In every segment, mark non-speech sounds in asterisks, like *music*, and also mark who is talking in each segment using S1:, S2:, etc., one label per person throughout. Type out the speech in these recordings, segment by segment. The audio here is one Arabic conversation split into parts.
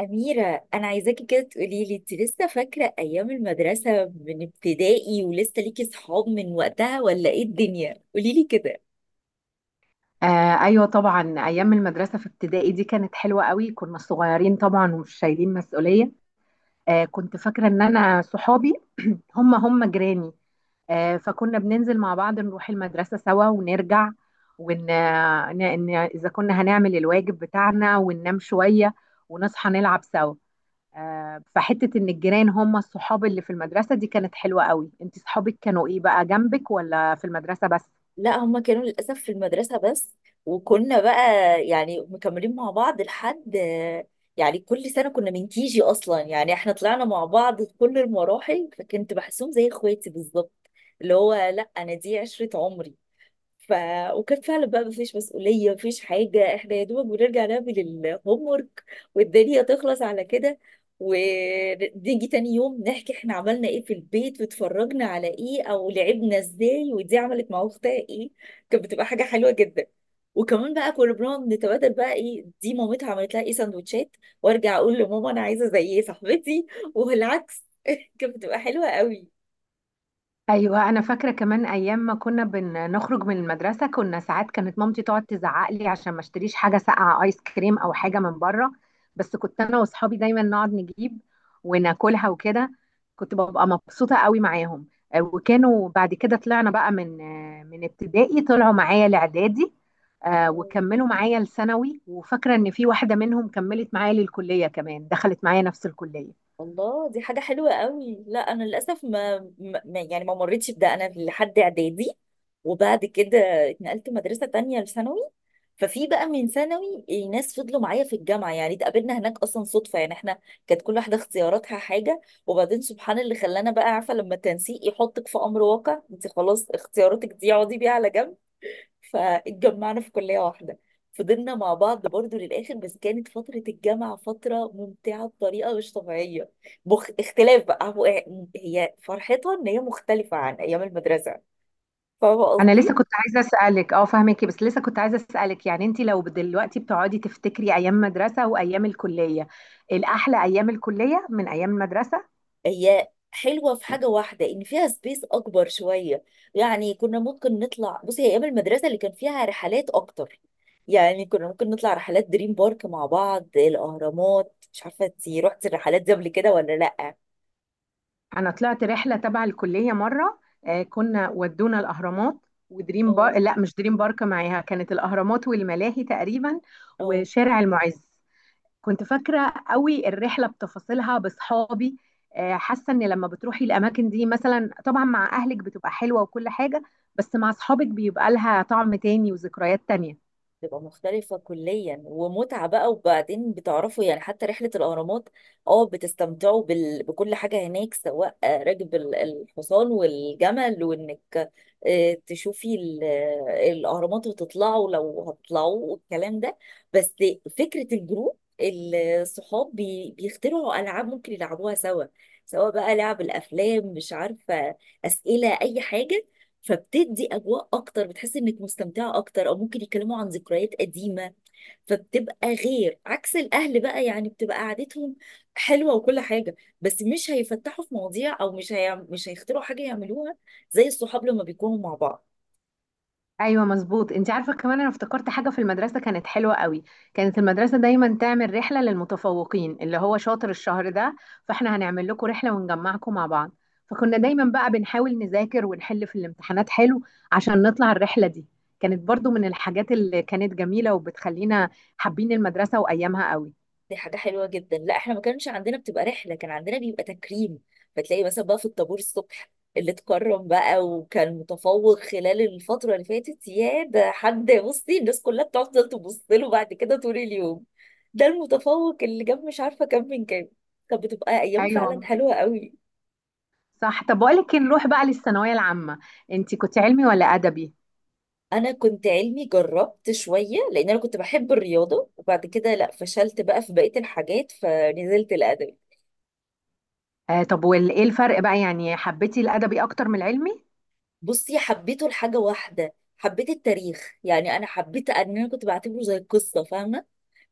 S1: أميرة، أنا عايزاكي كده تقولي لي، أنت لسه فاكرة أيام المدرسة من ابتدائي ولسه ليكي صحاب من وقتها ولا إيه الدنيا؟ قولي لي كده.
S2: آه ايوه طبعا، ايام المدرسه في ابتدائي دي كانت حلوه قوي. كنا صغيرين طبعا ومش شايلين مسؤوليه. آه، كنت فاكره ان انا صحابي هم جيراني. آه، فكنا بننزل مع بعض نروح المدرسه سوا ونرجع ون اذا كنا هنعمل الواجب بتاعنا وننام شويه ونصحى نلعب سوا. آه، فحته ان الجيران هم الصحاب اللي في المدرسه دي كانت حلوه قوي. انت صحابك كانوا ايه بقى، جنبك ولا في المدرسه بس؟
S1: لا، هما كانوا للأسف في المدرسة بس. وكنا بقى يعني مكملين مع بعض لحد، يعني كل سنة كنا من كيجي أصلا. يعني إحنا طلعنا مع بعض في كل المراحل، فكنت بحسهم زي إخواتي بالظبط، اللي هو لا أنا دي عشرة عمري. ف وكان فعلا بقى مفيش مسؤولية، مفيش حاجة، احنا يا دوبك بنرجع نعمل الهوم ورك والدنيا تخلص على كده. ونيجي تاني يوم نحكي احنا عملنا ايه في البيت، واتفرجنا على ايه، او لعبنا ازاي، ودي عملت مع اختها ايه. كانت بتبقى حاجة حلوة جدا. وكمان بقى كنا بنقعد نتبادل بقى ايه دي مامتها عملت لها ايه سندوتشات، وارجع اقول لماما انا عايزة زي ايه صاحبتي، والعكس. كانت بتبقى حلوة قوي.
S2: ايوه، انا فاكره كمان ايام ما كنا بنخرج من المدرسه، كنا ساعات كانت مامتي تقعد تزعق لي عشان ما اشتريش حاجه ساقعه، ايس كريم او حاجه من بره. بس كنت انا واصحابي دايما نقعد نجيب وناكلها وكده. كنت ببقى مبسوطه قوي معاهم. وكانوا بعد كده طلعنا بقى من من ابتدائي، طلعوا معايا لاعدادي. وكملوا معايا لثانوي، وفاكره ان في واحده منهم كملت معايا للكليه كمان، دخلت معايا نفس الكليه.
S1: الله، دي حاجة حلوة قوي. لا أنا للأسف يعني ما مريتش بده أنا لحد إعدادي. وبعد كده اتنقلت مدرسة تانية لثانوي. ففي بقى من ثانوي ناس فضلوا معايا في الجامعة، يعني اتقابلنا هناك أصلا صدفة، يعني احنا كانت كل واحدة اختياراتها حاجة، وبعدين سبحان اللي خلانا بقى. عارفة لما التنسيق يحطك في أمر واقع، انت خلاص اختياراتك دي اقعدي بيها على جنب. فاتجمعنا في كلية واحدة، فضلنا مع بعض برضو للآخر. بس كانت فترة الجامعة فترة ممتعة بطريقة مش طبيعية. اختلاف بقى هو إيه، هي فرحتها إن هي مختلفة عن أيام المدرسة. فاهمة
S2: انا لسه
S1: قصدي؟
S2: كنت عايزه اسالك، اه فاهمكي، بس لسه كنت عايزه اسالك، يعني انت لو دلوقتي بتقعدي تفتكري ايام مدرسه وايام الكليه، الاحلى ايام الكليه من ايام المدرسه؟
S1: هي حلوة في حاجة واحدة، إن فيها سبيس أكبر شوية، يعني كنا ممكن نطلع. بصي، هي أيام المدرسة اللي كان فيها رحلات أكتر. يعني كنا ممكن نطلع رحلات دريم بارك مع بعض، الأهرامات. مش عارفة انتي رحتي الرحلات دي قبل كده ولا لأ؟
S2: انا طلعت رحله تبع الكليه مره. آه، كنا ودونا الاهرامات ودريم بار،
S1: اه،
S2: لا مش دريم بارك معاها، كانت الاهرامات والملاهي تقريبا
S1: اه،
S2: وشارع المعز. كنت فاكرة قوي الرحلة بتفاصيلها بصحابي. آه، حاسة ان لما بتروحي الاماكن دي مثلا طبعا مع اهلك بتبقى حلوة وكل حاجة، بس مع اصحابك بيبقى لها طعم تاني وذكريات تانية.
S1: تبقى مختلفة كليا ومتعة بقى. وبعدين بتعرفوا يعني حتى رحلة الأهرامات، اه بتستمتعوا بكل حاجة هناك، سواء راكب الحصان والجمل، وإنك تشوفي الأهرامات وتطلعوا لو هتطلعوا والكلام ده. بس فكرة الجروب الصحاب بيخترعوا ألعاب ممكن يلعبوها سوا، سواء بقى لعب الأفلام، مش عارفة، أسئلة، أي حاجة. فبتدي اجواء اكتر، بتحس انك مستمتعه اكتر، او ممكن يتكلموا عن ذكريات قديمه. فبتبقى غير، عكس الاهل بقى، يعني بتبقى قعدتهم حلوه وكل حاجه، بس مش هيفتحوا في مواضيع، او مش هيخترعوا حاجه يعملوها زي الصحاب لما بيكونوا مع بعض.
S2: ايوه مظبوط. انت عارفه كمان انا افتكرت حاجه في المدرسه كانت حلوه قوي، كانت المدرسه دايما تعمل رحله للمتفوقين، اللي هو شاطر الشهر ده فاحنا هنعمل لكم رحله ونجمعكم مع بعض. فكنا دايما بقى بنحاول نذاكر ونحل في الامتحانات حلو عشان نطلع الرحله دي. كانت برضو من الحاجات اللي كانت جميله وبتخلينا حابين المدرسه وايامها قوي.
S1: دي حاجة حلوة جدا. لا احنا ما كانش عندنا بتبقى رحلة، كان عندنا بيبقى تكريم. فتلاقي مثلا بقى في الطابور الصبح اللي اتكرم بقى وكان متفوق خلال الفترة اللي فاتت، يا ده حد، بصي الناس كلها بتفضل تبص له بعد كده طول اليوم، ده المتفوق اللي جاب مش عارفة كام من كام. كانت بتبقى أيام
S2: ايوه
S1: فعلا حلوة قوي.
S2: صح. طب بقول لك إيه، نروح بقى للثانويه العامه. انت كنت علمي ولا ادبي؟
S1: أنا كنت علمي، جربت شوية لأن أنا كنت بحب الرياضة، وبعد كده لا فشلت بقى في بقية الحاجات فنزلت الأدب.
S2: آه، طب وايه الفرق بقى، يعني حبيتي الادبي اكتر من العلمي؟
S1: بصي، حبيته لحاجة واحدة، حبيت التاريخ. يعني أنا حبيت إن أنا كنت بعتبره زي قصة، فاهمة؟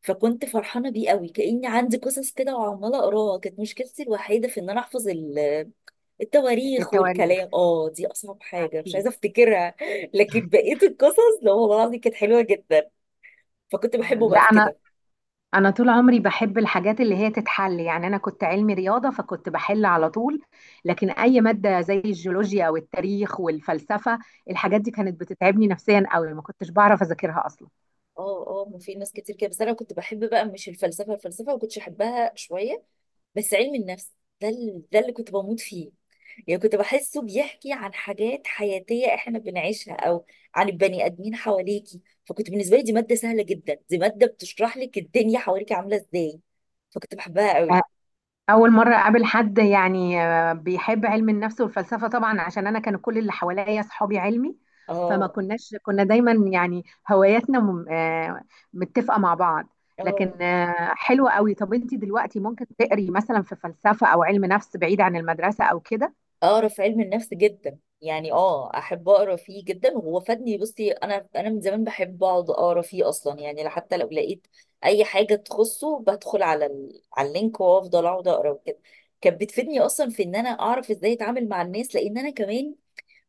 S1: فكنت فرحانة بيه قوي كأني عندي قصص كده وعمالة أقراها. كانت مشكلتي الوحيدة في إن أنا أحفظ التواريخ والكلام،
S2: التواريخ،
S1: دي أصعب حاجة مش
S2: أكيد.
S1: عايزة أفتكرها *laughs* لكن بقية القصص لا والله العظيم كانت حلوة جدا. فكنت
S2: آه.
S1: بحبه
S2: لا
S1: بقى في
S2: أنا،
S1: كده.
S2: أنا طول عمري بحب الحاجات اللي هي تتحل، يعني أنا كنت علمي رياضة فكنت بحل على طول. لكن أي مادة زي الجيولوجيا أو التاريخ والفلسفة، الحاجات دي كانت بتتعبني نفسيا قوي، ما كنتش بعرف أذاكرها أصلا.
S1: اه اه، ما في ناس كتير كده. بس أنا كنت بحب بقى، مش الفلسفة، الفلسفة ما كنتش أحبها شوية، بس علم النفس، ده اللي كنت بموت فيه. يعني كنت بحسه بيحكي عن حاجات حياتية احنا بنعيشها، او عن البني ادمين حواليكي. فكنت بالنسبة لي دي مادة سهلة جدا، دي مادة بتشرح لك الدنيا حواليك عاملة ازاي. فكنت بحبها قوي.
S2: آه، أول مرة أقابل حد يعني بيحب علم النفس والفلسفة، طبعا عشان أنا كان كل اللي حواليا صحابي علمي. فما
S1: اه
S2: كناش كنا دايما يعني هواياتنا م- آه، متفقة مع بعض.
S1: اه،
S2: لكن حلوة قوي. طب أنت دلوقتي ممكن تقري مثلا في فلسفة أو علم نفس بعيد عن المدرسة أو كده؟
S1: اقرا في علم النفس جدا، يعني اه احب اقرا فيه جدا، وهو فادني. بصي انا من زمان بحب اقعد اقرا فيه اصلا، يعني حتى لو لقيت اي حاجة تخصه بدخل على اللينك وافضل اقعد اقرا وكده. كانت بتفيدني اصلا في ان انا اعرف ازاي اتعامل مع الناس، لان انا كمان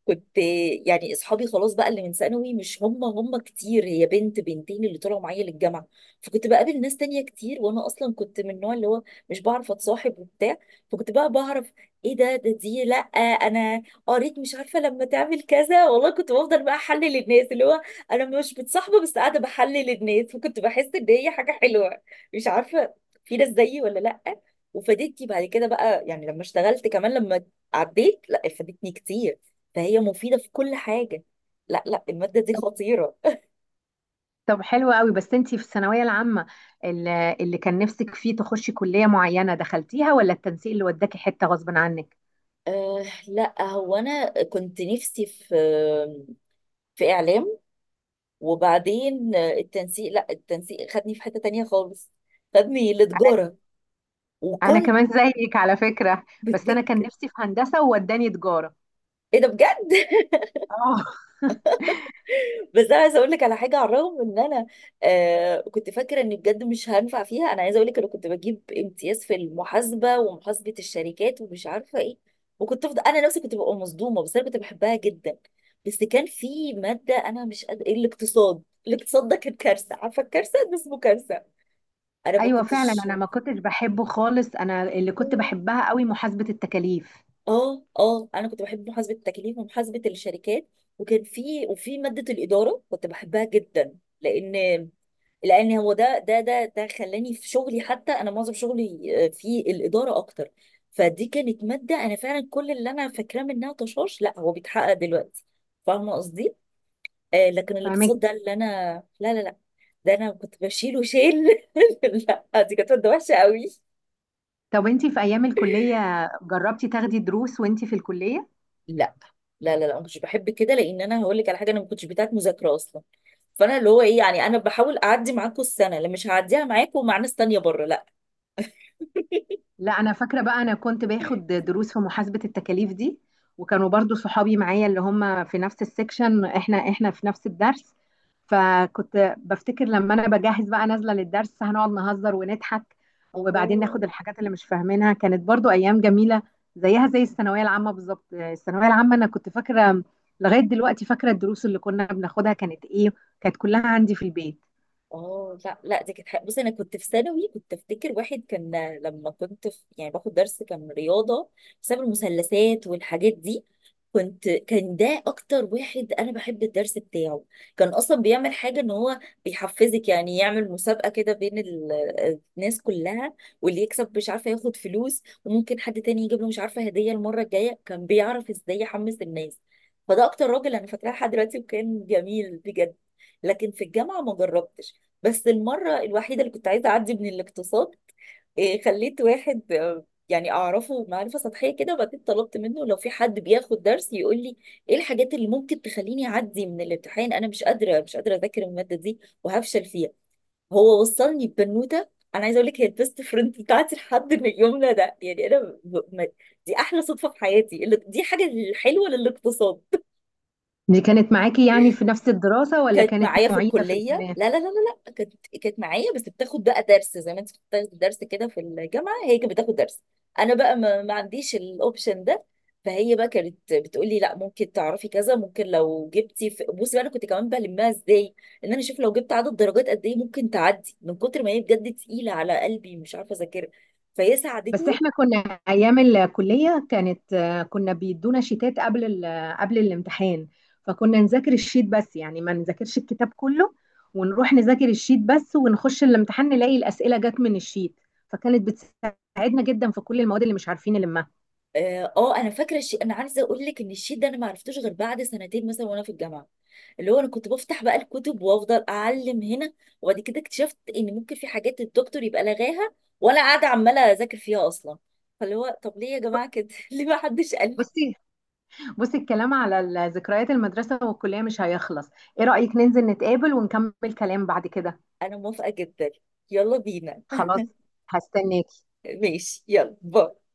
S1: كنت، يعني اصحابي خلاص بقى اللي من ثانوي مش هم هم كتير، هي بنت بنتين اللي طلعوا معايا للجامعه. فكنت بقابل ناس تانية كتير، وانا اصلا كنت من النوع اللي هو مش بعرف اتصاحب وبتاع. فكنت بقى بعرف ايه ده، دي لا انا قريت مش عارفه لما تعمل كذا والله. كنت بفضل بقى احلل الناس، اللي هو انا مش بتصاحبه بس قاعده بحلل الناس، وكنت بحس ان هي حاجه حلوه. مش عارفه، في ناس زيي ولا لا. وفادتني بعد كده بقى، يعني لما اشتغلت، كمان لما عديت. لا فادتني كتير، فهي مفيدة في كل حاجة. لا لا، المادة دي
S2: طب،
S1: خطيرة.
S2: طب حلوة قوي. بس أنت في الثانوية العامة، اللي كان نفسك فيه تخشي كلية معينة دخلتيها ولا التنسيق اللي وداكي حتة غصب عنك؟
S1: أه لا، هو أنا كنت نفسي في إعلام. وبعدين التنسيق، لا التنسيق خدني في حتة تانية خالص، خدني لتجارة.
S2: انا
S1: وكنت
S2: كمان زيك على فكرة،
S1: بت-
S2: بس انا
S1: بت-
S2: كان نفسي في هندسة ووداني تجارة.
S1: إيه ده بجد *laughs*
S2: اه
S1: بس انا عايزه اقول لك على حاجه. على الرغم ان انا كنت فاكره اني بجد مش هنفع فيها، انا عايزه اقول لك، انا كنت بجيب امتياز في المحاسبه ومحاسبه الشركات ومش عارفه ايه. وكنت افضل، انا نفسي كنت ببقى مصدومه، بس انا كنت بحبها جدا. بس كان في ماده انا مش قادره، الاقتصاد. الاقتصاد ده كان كارثه، عارفه الكارثه ده اسمه كارثه. انا ما
S2: ايوه فعلا،
S1: كنتش.
S2: انا ما كنتش بحبه خالص. انا اللي كنت بحبها قوي محاسبة التكاليف.
S1: اه اه، انا كنت بحب محاسبه التكاليف ومحاسبه الشركات. وكان في ماده الاداره كنت بحبها جدا، لان لان هو ده خلاني في شغلي. حتى انا معظم شغلي في الاداره اكتر. فدي كانت ماده انا فعلا كل اللي انا فاكراه منها طشاش لا هو بيتحقق دلوقتي. فاهمه قصدي؟ لكن
S2: فاهمك.
S1: الاقتصاد ده اللي انا... لا لا لا، ده انا كنت بشيله شيل *laughs* لا دي كانت ماده وحشه قوي.
S2: طب انتي في ايام الكلية جربتي تاخدي دروس وانتي في الكلية؟
S1: لا لا لا لا، ما كنتش بحب كده، لان انا هقول لك على حاجه. انا ما كنتش بتاعت مذاكره اصلا. فانا اللي هو ايه يعني، انا بحاول اعدي معاكم السنه اللي مش هعديها معاكم مع ناس تانيه بره، لا *laughs*
S2: لا انا فاكره بقى، انا كنت باخد دروس في محاسبه التكاليف دي، وكانوا برضو صحابي معايا اللي هم في نفس السكشن، احنا في نفس الدرس. فكنت بفتكر لما انا بجهز بقى نازله للدرس هنقعد نهزر ونضحك، وبعدين ناخد
S1: الله،
S2: الحاجات اللي مش فاهمينها. كانت برضو ايام جميله زيها زي الثانويه العامه بالظبط. الثانويه العامه انا كنت فاكره، لغايه دلوقتي فاكره الدروس اللي كنا بناخدها كانت ايه، كانت كلها عندي في البيت.
S1: اه. لا لا، دي كانت حاجة- بصي انا كنت في ثانوي، كنت افتكر واحد كان، لما كنت في، يعني باخد درس، كان رياضه بسبب المثلثات والحاجات دي. كنت، كان ده اكتر واحد انا بحب الدرس بتاعه. كان اصلا بيعمل حاجه، ان هو بيحفزك، يعني يعمل مسابقه كده بين الناس كلها، واللي يكسب مش عارفه ياخد فلوس، وممكن حد تاني يجيب له مش عارفه هديه المره الجايه. كان بيعرف ازاي يحمس الناس. فده اكتر راجل انا فاكراه لحد دلوقتي وكان جميل بجد. لكن في الجامعة ما جربتش. بس المرة الوحيدة اللي كنت عايزة أعدي من الاقتصاد، خليت واحد يعني أعرفه معرفة سطحية كده، وبعدين طلبت منه لو في حد بياخد درس يقول لي إيه الحاجات اللي ممكن تخليني أعدي من الامتحان. أنا مش قادرة، مش قادرة أذاكر المادة دي، وهفشل فيها. هو وصلني ببنوتة. أنا عايزة أقول لك، هي البيست فريند بتاعتي لحد من يومنا ده. يعني أنا ب... ب- ما... دي أحلى صدفة في حياتي، اللي... دي حاجة حلوة للاقتصاد.
S2: دي كانت معاكي يعني في نفس الدراسه ولا
S1: كانت
S2: كانت
S1: معايا في
S2: معيده في
S1: الكلية.
S2: الكليه؟
S1: لا لا لا لا، لا كانت، كانت معايا، بس بتاخد بقى درس. زي ما انت بتاخد درس كده في الجامعة، هي كانت بتاخد درس. انا بقى ما عنديش الاوبشن ده. فهي بقى كانت بتقول لي لا ممكن تعرفي كذا، ممكن لو جبتي في... بصي بقى انا كنت كمان بلمها ازاي ان انا اشوف لو جبت عدد درجات قد ايه ممكن تعدي، من كتر ما هي بجد تقيلة على قلبي مش عارفة اذاكرها. فهي
S2: بس
S1: ساعدتني.
S2: احنا كنا ايام الكليه كانت كنا بيدونا شيتات قبل الامتحان. فكنا نذاكر الشيت بس، يعني ما نذاكرش الكتاب كله، ونروح نذاكر الشيت بس ونخش الامتحان نلاقي الاسئله جت من الشيت. فكانت بتساعدنا جدا في كل المواد اللي مش عارفين نلمها.
S1: اه، انا فاكره الشيء، انا عايزه اقول لك ان الشيء ده انا ما عرفتوش غير بعد سنتين مثلا وانا في الجامعه، اللي هو انا كنت بفتح بقى الكتب وافضل اعلم هنا. وبعد كده اكتشفت ان ممكن في حاجات الدكتور يبقى لغاها، وانا قاعده عماله اذاكر فيها اصلا. فاللي هو طب ليه يا جماعه كده *laughs* ليه ما حدش قال لي.
S2: بصي، الكلام على ذكريات المدرسه والكليه مش هيخلص. ايه رايك ننزل نتقابل ونكمل كلام بعد كده؟
S1: انا موافقه جدا. يلا بينا.
S2: خلاص، هستناك.
S1: *laughs* ماشي، يلا، باي.